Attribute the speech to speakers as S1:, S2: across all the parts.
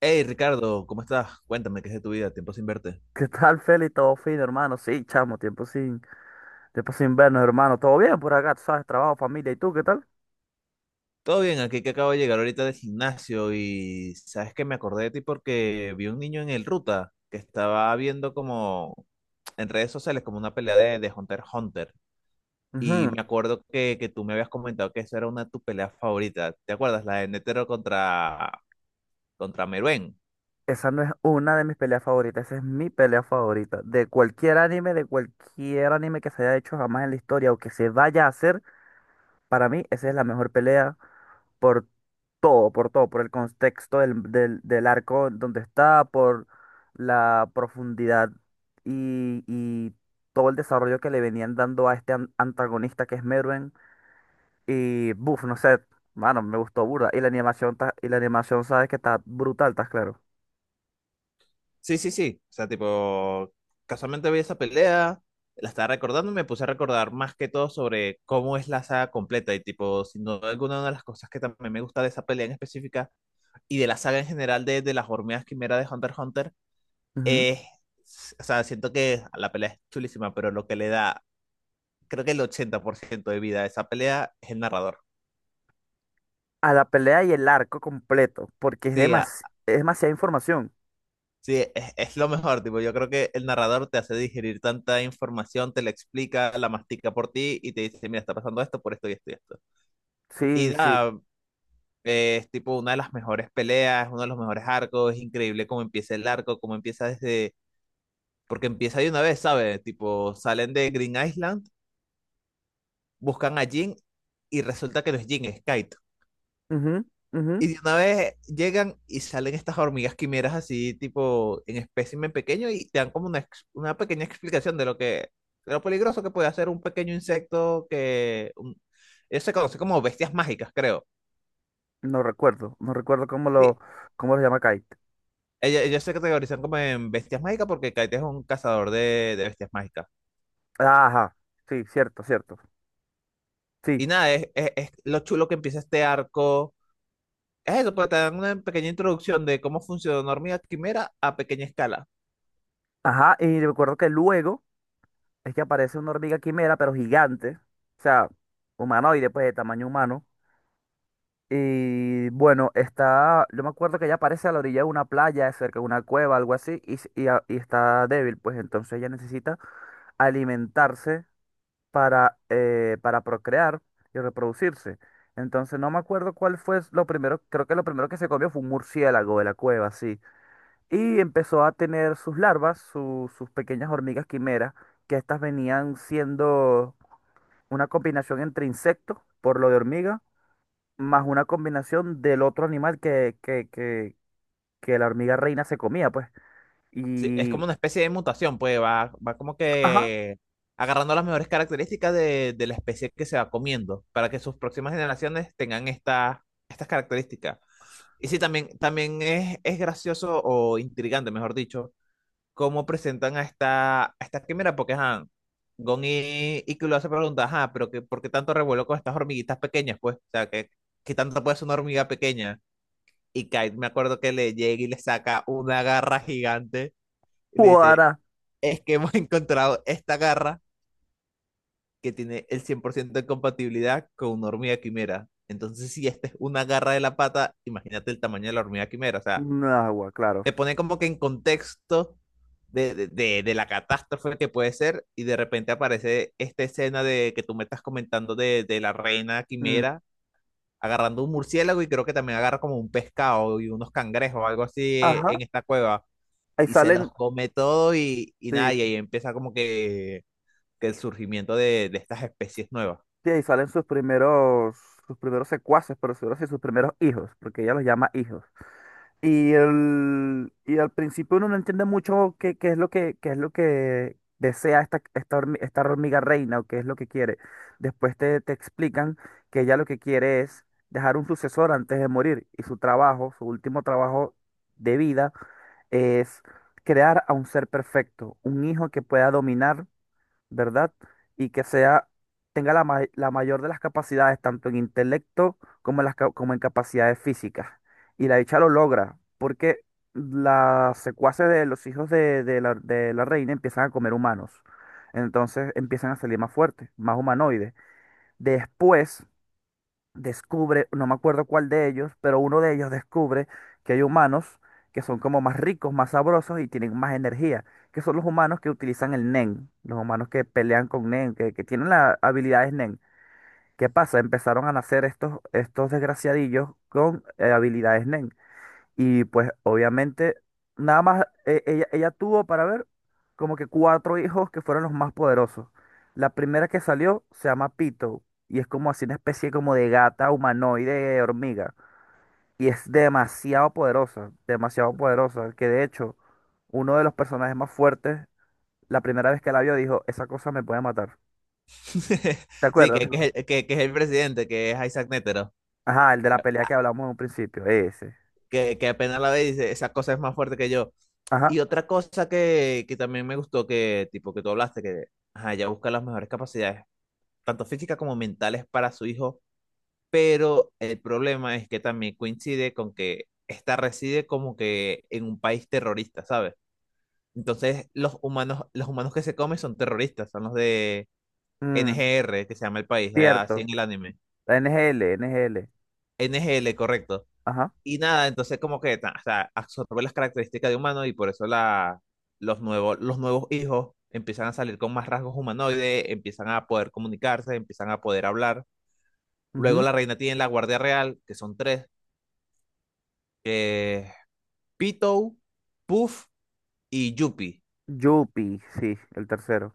S1: Hey Ricardo, ¿cómo estás? Cuéntame, ¿qué es de tu vida? Tiempo sin verte.
S2: ¿Qué tal, Feli? ¿Todo fino, hermano? Sí, chamo, tiempo sin vernos, hermano. ¿Todo bien por acá? Tú sabes, trabajo, familia. ¿Y tú, qué tal?
S1: Todo bien, aquí que acabo de llegar ahorita del gimnasio y sabes que me acordé de ti porque vi un niño en el Ruta que estaba viendo como en redes sociales como una pelea de Hunter x Hunter. Y
S2: Ujú.
S1: me acuerdo que tú me habías comentado que esa era una de tus peleas favoritas. ¿Te acuerdas? La de Netero contra Meruem.
S2: Esa no es una de mis peleas favoritas, esa es mi pelea favorita. De cualquier anime que se haya hecho jamás en la historia o que se vaya a hacer, para mí esa es la mejor pelea por todo, por todo, por el contexto del arco donde está, por la profundidad y todo el desarrollo que le venían dando a este antagonista que es Merwin. Y, buf, no sé, mano, me gustó burda. Y la animación, y la animación, sabes que está brutal, estás claro.
S1: Sí, sí, sí. O sea, tipo, casualmente vi esa pelea, la estaba recordando y me puse a recordar más que todo sobre cómo es la saga completa. Y, tipo, sin duda alguna, una de las cosas que también me gusta de esa pelea en específica y de la saga en general de las hormigas quimera de Hunter x Hunter
S2: Ujú.
S1: es. O sea, siento que la pelea es chulísima, pero lo que le da, creo que el 80% de vida a esa pelea es el narrador.
S2: A la pelea y el arco completo, porque es
S1: Sí, a,
S2: es demasiada información.
S1: sí, es lo mejor, tipo, yo creo que el narrador te hace digerir tanta información, te la explica, la mastica por ti y te dice, mira, está pasando esto por esto y esto y esto. Y
S2: Sí, sí.
S1: nada, es tipo una de las mejores peleas, uno de los mejores arcos, es increíble cómo empieza el arco, cómo empieza desde, porque empieza de una vez, ¿sabes? Tipo, salen de Green Island, buscan a Jin y resulta que no es Jin, es Kite.
S2: Ujú, ujú.
S1: Y de una vez llegan y salen estas hormigas quimeras así, tipo en espécimen pequeño, y te dan como una, una pequeña explicación de lo que, de lo peligroso que puede hacer un pequeño insecto que un- ellos se conocen como bestias mágicas, creo.
S2: No recuerdo, no recuerdo
S1: Sí,
S2: cómo lo llama Kite.
S1: ellos se categorizan como en bestias mágicas porque Kite es un cazador de bestias mágicas.
S2: Ajá, sí, cierto, cierto.
S1: Y
S2: Sí,
S1: nada, es, es lo chulo que empieza este arco. Es eso, pues te dan una pequeña introducción de cómo funciona una hormiga quimera a pequeña escala.
S2: ajá, y recuerdo que luego es que aparece una hormiga quimera, pero gigante, o sea, humanoide, pues de tamaño humano. Y bueno, está, yo me acuerdo que ella aparece a la orilla de una playa, cerca de una cueva, algo así, y, y está débil, pues entonces ella necesita alimentarse para procrear y reproducirse. Entonces no me acuerdo cuál fue lo primero, creo que lo primero que se comió fue un murciélago de la cueva, sí. Y empezó a tener sus larvas, sus pequeñas hormigas quimeras, que estas venían siendo una combinación entre insecto, por lo de hormiga, más una combinación del otro animal que la hormiga reina se comía, pues.
S1: Sí, es como
S2: Y,
S1: una especie de mutación, pues va, va como
S2: ajá,
S1: que agarrando las mejores características de la especie que se va comiendo para que sus próximas generaciones tengan esta, estas características. Y sí, también, también es gracioso o intrigante, mejor dicho, cómo presentan a esta quimera, porque ajá, Gon y Killua se preguntan, ajá, pero que, ¿por qué tanto revuelo con estas hormiguitas pequeñas? Pues, o sea, que tanto puede ser una hormiga pequeña. Y Kite, me acuerdo que le llega y le saca una garra gigante y le dice,
S2: cuara,
S1: es que hemos encontrado esta garra que tiene el 100% de compatibilidad con una hormiga quimera. Entonces, si esta es una garra de la pata, imagínate el tamaño de la hormiga quimera. O sea,
S2: un agua, claro.
S1: te pone como que en contexto de la catástrofe que puede ser y de repente aparece esta escena de que tú me estás comentando de la reina
S2: Mm,
S1: quimera agarrando un murciélago y creo que también agarra como un pescado y unos cangrejos o algo así
S2: ajá,
S1: en esta cueva
S2: ahí
S1: y se
S2: salen,
S1: los come todo y nada, y
S2: sí,
S1: ahí empieza como que el surgimiento de estas especies nuevas.
S2: sí, ahí salen sus primeros secuaces, por decirlo así, sus primeros hijos, porque ella los llama hijos. Y, el, y al principio uno no entiende mucho qué, qué es lo que desea esta esta hormiga reina o qué es lo que quiere. Después te, te explican que ella lo que quiere es dejar un sucesor antes de morir y su trabajo, su último trabajo de vida es crear a un ser perfecto, un hijo que pueda dominar, ¿verdad? Y que sea, tenga la, la mayor de las capacidades, tanto en intelecto como como en capacidades físicas. Y la dicha lo logra, porque las secuaces de los hijos de la reina empiezan a comer humanos. Entonces empiezan a salir más fuertes, más humanoides. Después descubre, no me acuerdo cuál de ellos, pero uno de ellos descubre que hay humanos que son como más ricos, más sabrosos y tienen más energía, que son los humanos que utilizan el Nen, los humanos que pelean con Nen, que tienen las habilidades Nen. ¿Qué pasa? Empezaron a nacer estos desgraciadillos con habilidades Nen. Y pues obviamente, nada más ella tuvo para ver como que cuatro hijos que fueron los más poderosos. La primera que salió se llama Pito y es como así una especie como de gata humanoide hormiga. Y es demasiado poderosa, que de hecho uno de los personajes más fuertes, la primera vez que la vio dijo, esa cosa me puede matar. ¿Te
S1: Sí,
S2: acuerdas? Sí.
S1: que es el presidente, que es Isaac Netero,
S2: Ajá, el de la pelea que hablamos en un principio, ese.
S1: que apenas la ve y dice, esa cosa es más fuerte que yo.
S2: Ajá.
S1: Y otra cosa que también me gustó, que tipo que tú hablaste, que ajá, ella busca las mejores capacidades, tanto físicas como mentales, para su hijo, pero el problema es que también coincide con que esta reside como que en un país terrorista, ¿sabes? Entonces los humanos que se comen son terroristas, son los de
S2: Mm,
S1: NGR, que se llama el país, así
S2: cierto.
S1: en el anime.
S2: NGL, NGL.
S1: NGL, correcto.
S2: Ajá.
S1: Y nada, entonces como que ta- o sea, absorbe las características de humano y por eso la, los nuevos hijos empiezan a salir con más rasgos humanoides, empiezan a poder comunicarse, empiezan a poder hablar. Luego la reina tiene la guardia real, que son tres, que es Pitou, Puff y Yuppie.
S2: Yupi, sí, el tercero.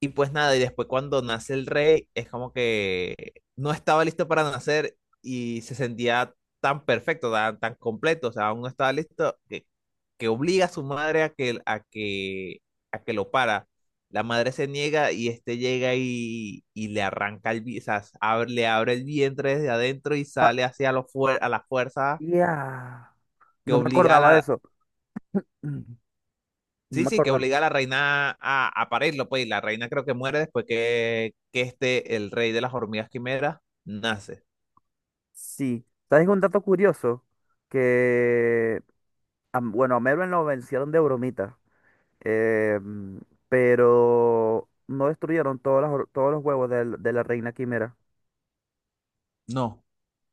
S1: Y pues nada, y después cuando nace el rey, es como que no estaba listo para nacer y se sentía tan perfecto, tan, tan completo, o sea, aún no estaba listo, que, obliga a su madre a que lo para. La madre se niega y este llega y le arranca el, vi- o sea, le abre el vientre desde adentro y
S2: Pa-
S1: sale hacia a la fuerza
S2: ya.
S1: que
S2: No me
S1: obliga a
S2: acordaba de
S1: la,
S2: eso. Mm, no
S1: sí,
S2: me
S1: sí, que
S2: acordaba.
S1: obliga a la reina a parirlo, pues, y la reina creo que muere después que este, el rey de las hormigas quimeras, nace.
S2: Sí. ¿Sabes un dato curioso? Que, bueno, a Merwin lo vencieron de bromita. eh, mm, pero no destruyeron todas todos los huevos de la reina quimera.
S1: No,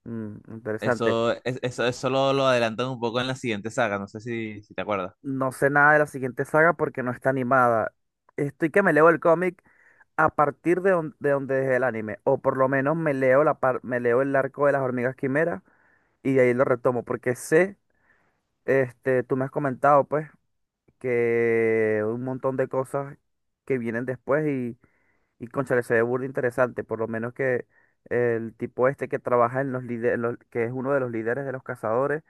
S2: Mm, interesante.
S1: eso, eso lo adelantan un poco en la siguiente saga, no sé si te acuerdas.
S2: No sé nada de la siguiente saga porque no está animada. Estoy que me leo el cómic a partir de, de donde dejé el anime. O por lo menos me leo me leo el arco de las hormigas quimeras y de ahí lo retomo. Porque sé, este, tú me has comentado pues, que un montón de cosas que vienen después y cónchale, se ve burda interesante. Por lo menos que el tipo este que trabaja en los líderes, que es uno de los líderes de los cazadores.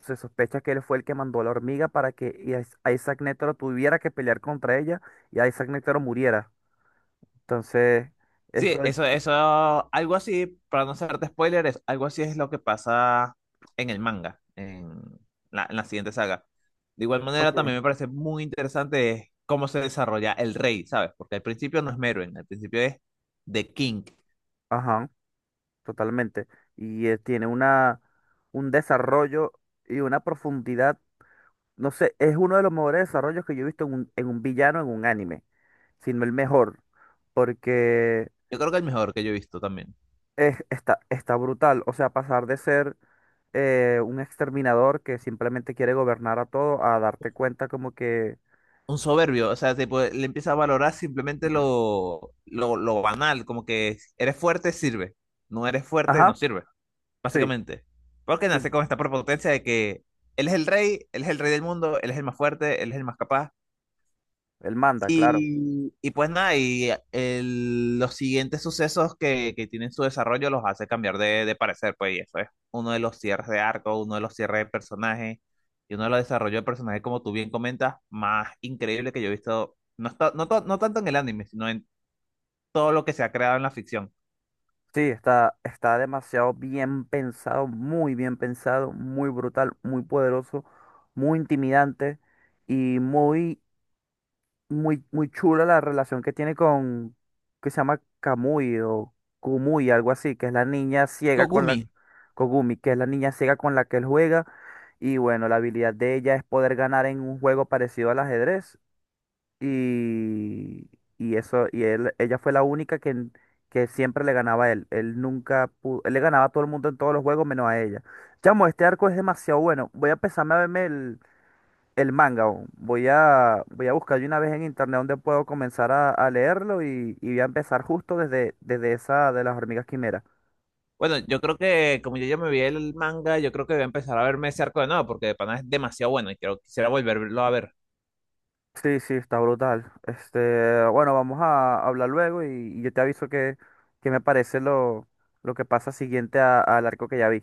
S2: Se sospecha que él fue el que mandó a la hormiga para que Isaac Netero tuviera que pelear contra ella y Isaac Netero muriera. Entonces,
S1: Sí,
S2: eso.
S1: algo así, para no hacerte spoilers, algo así es lo que pasa en el manga, en la siguiente saga. De igual
S2: Ok.
S1: manera, también me parece muy interesante cómo se desarrolla el rey, ¿sabes? Porque al principio no es Merwin, al principio es The King.
S2: Ajá, totalmente. Y tiene una, un desarrollo y una profundidad, no sé, es uno de los mejores desarrollos que yo he visto en un villano, en un anime, sino el mejor, porque
S1: Yo creo que el mejor que yo he visto también.
S2: está, está brutal. O sea, pasar de ser un exterminador que simplemente quiere gobernar a todo a darte cuenta como que,
S1: Un soberbio, o sea, tipo, le empieza a valorar simplemente lo banal, como que eres fuerte, sirve. No eres fuerte,
S2: ajá,
S1: no sirve,
S2: sí,
S1: básicamente. Porque
S2: sí.
S1: nace con esta prepotencia de que él es el rey, él es el rey del mundo, él es el más fuerte, él es el más capaz.
S2: Él manda, claro.
S1: Y pues nada, y los siguientes sucesos que tienen su desarrollo los hace cambiar de parecer, pues, y eso es uno de los cierres de arco, uno de los cierres de personaje, y uno de los desarrollos de personaje, como tú bien comentas, más increíble que yo he visto, no, está, no, no tanto en el anime, sino en todo lo que se ha creado en la ficción.
S2: Sí, está, está demasiado bien pensado, muy brutal, muy poderoso, muy intimidante y muy muy, muy chula la relación que tiene con, que se llama Kamui o Kumui, algo así, que es la niña ciega con
S1: Kogumi.
S2: la, Kogumi, que es la niña ciega con la que él juega. Y bueno, la habilidad de ella es poder ganar en un juego parecido al ajedrez. Y, y eso, y él, ella fue la única que siempre le ganaba a él. Él nunca pudo, él le ganaba a todo el mundo en todos los juegos menos a ella. Chamo, este arco es demasiado bueno. Voy a empezarme a verme el manga, o voy a, voy a buscar de una vez en internet donde puedo comenzar a leerlo y voy a empezar justo desde, desde esa de las hormigas quimeras.
S1: Bueno, yo creo que como yo ya me vi el manga, yo creo que voy a empezar a verme ese arco de nuevo, porque de pana es demasiado bueno y quiero, quisiera volverlo a ver.
S2: Sí, sí, está brutal. Este, bueno, vamos a hablar luego y yo te aviso que me parece lo que pasa siguiente al arco que ya vi.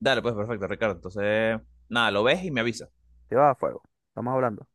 S1: Dale, pues perfecto, Ricardo. Entonces, nada, lo ves y me avisas.
S2: Te va a fuego. Estamos hablando.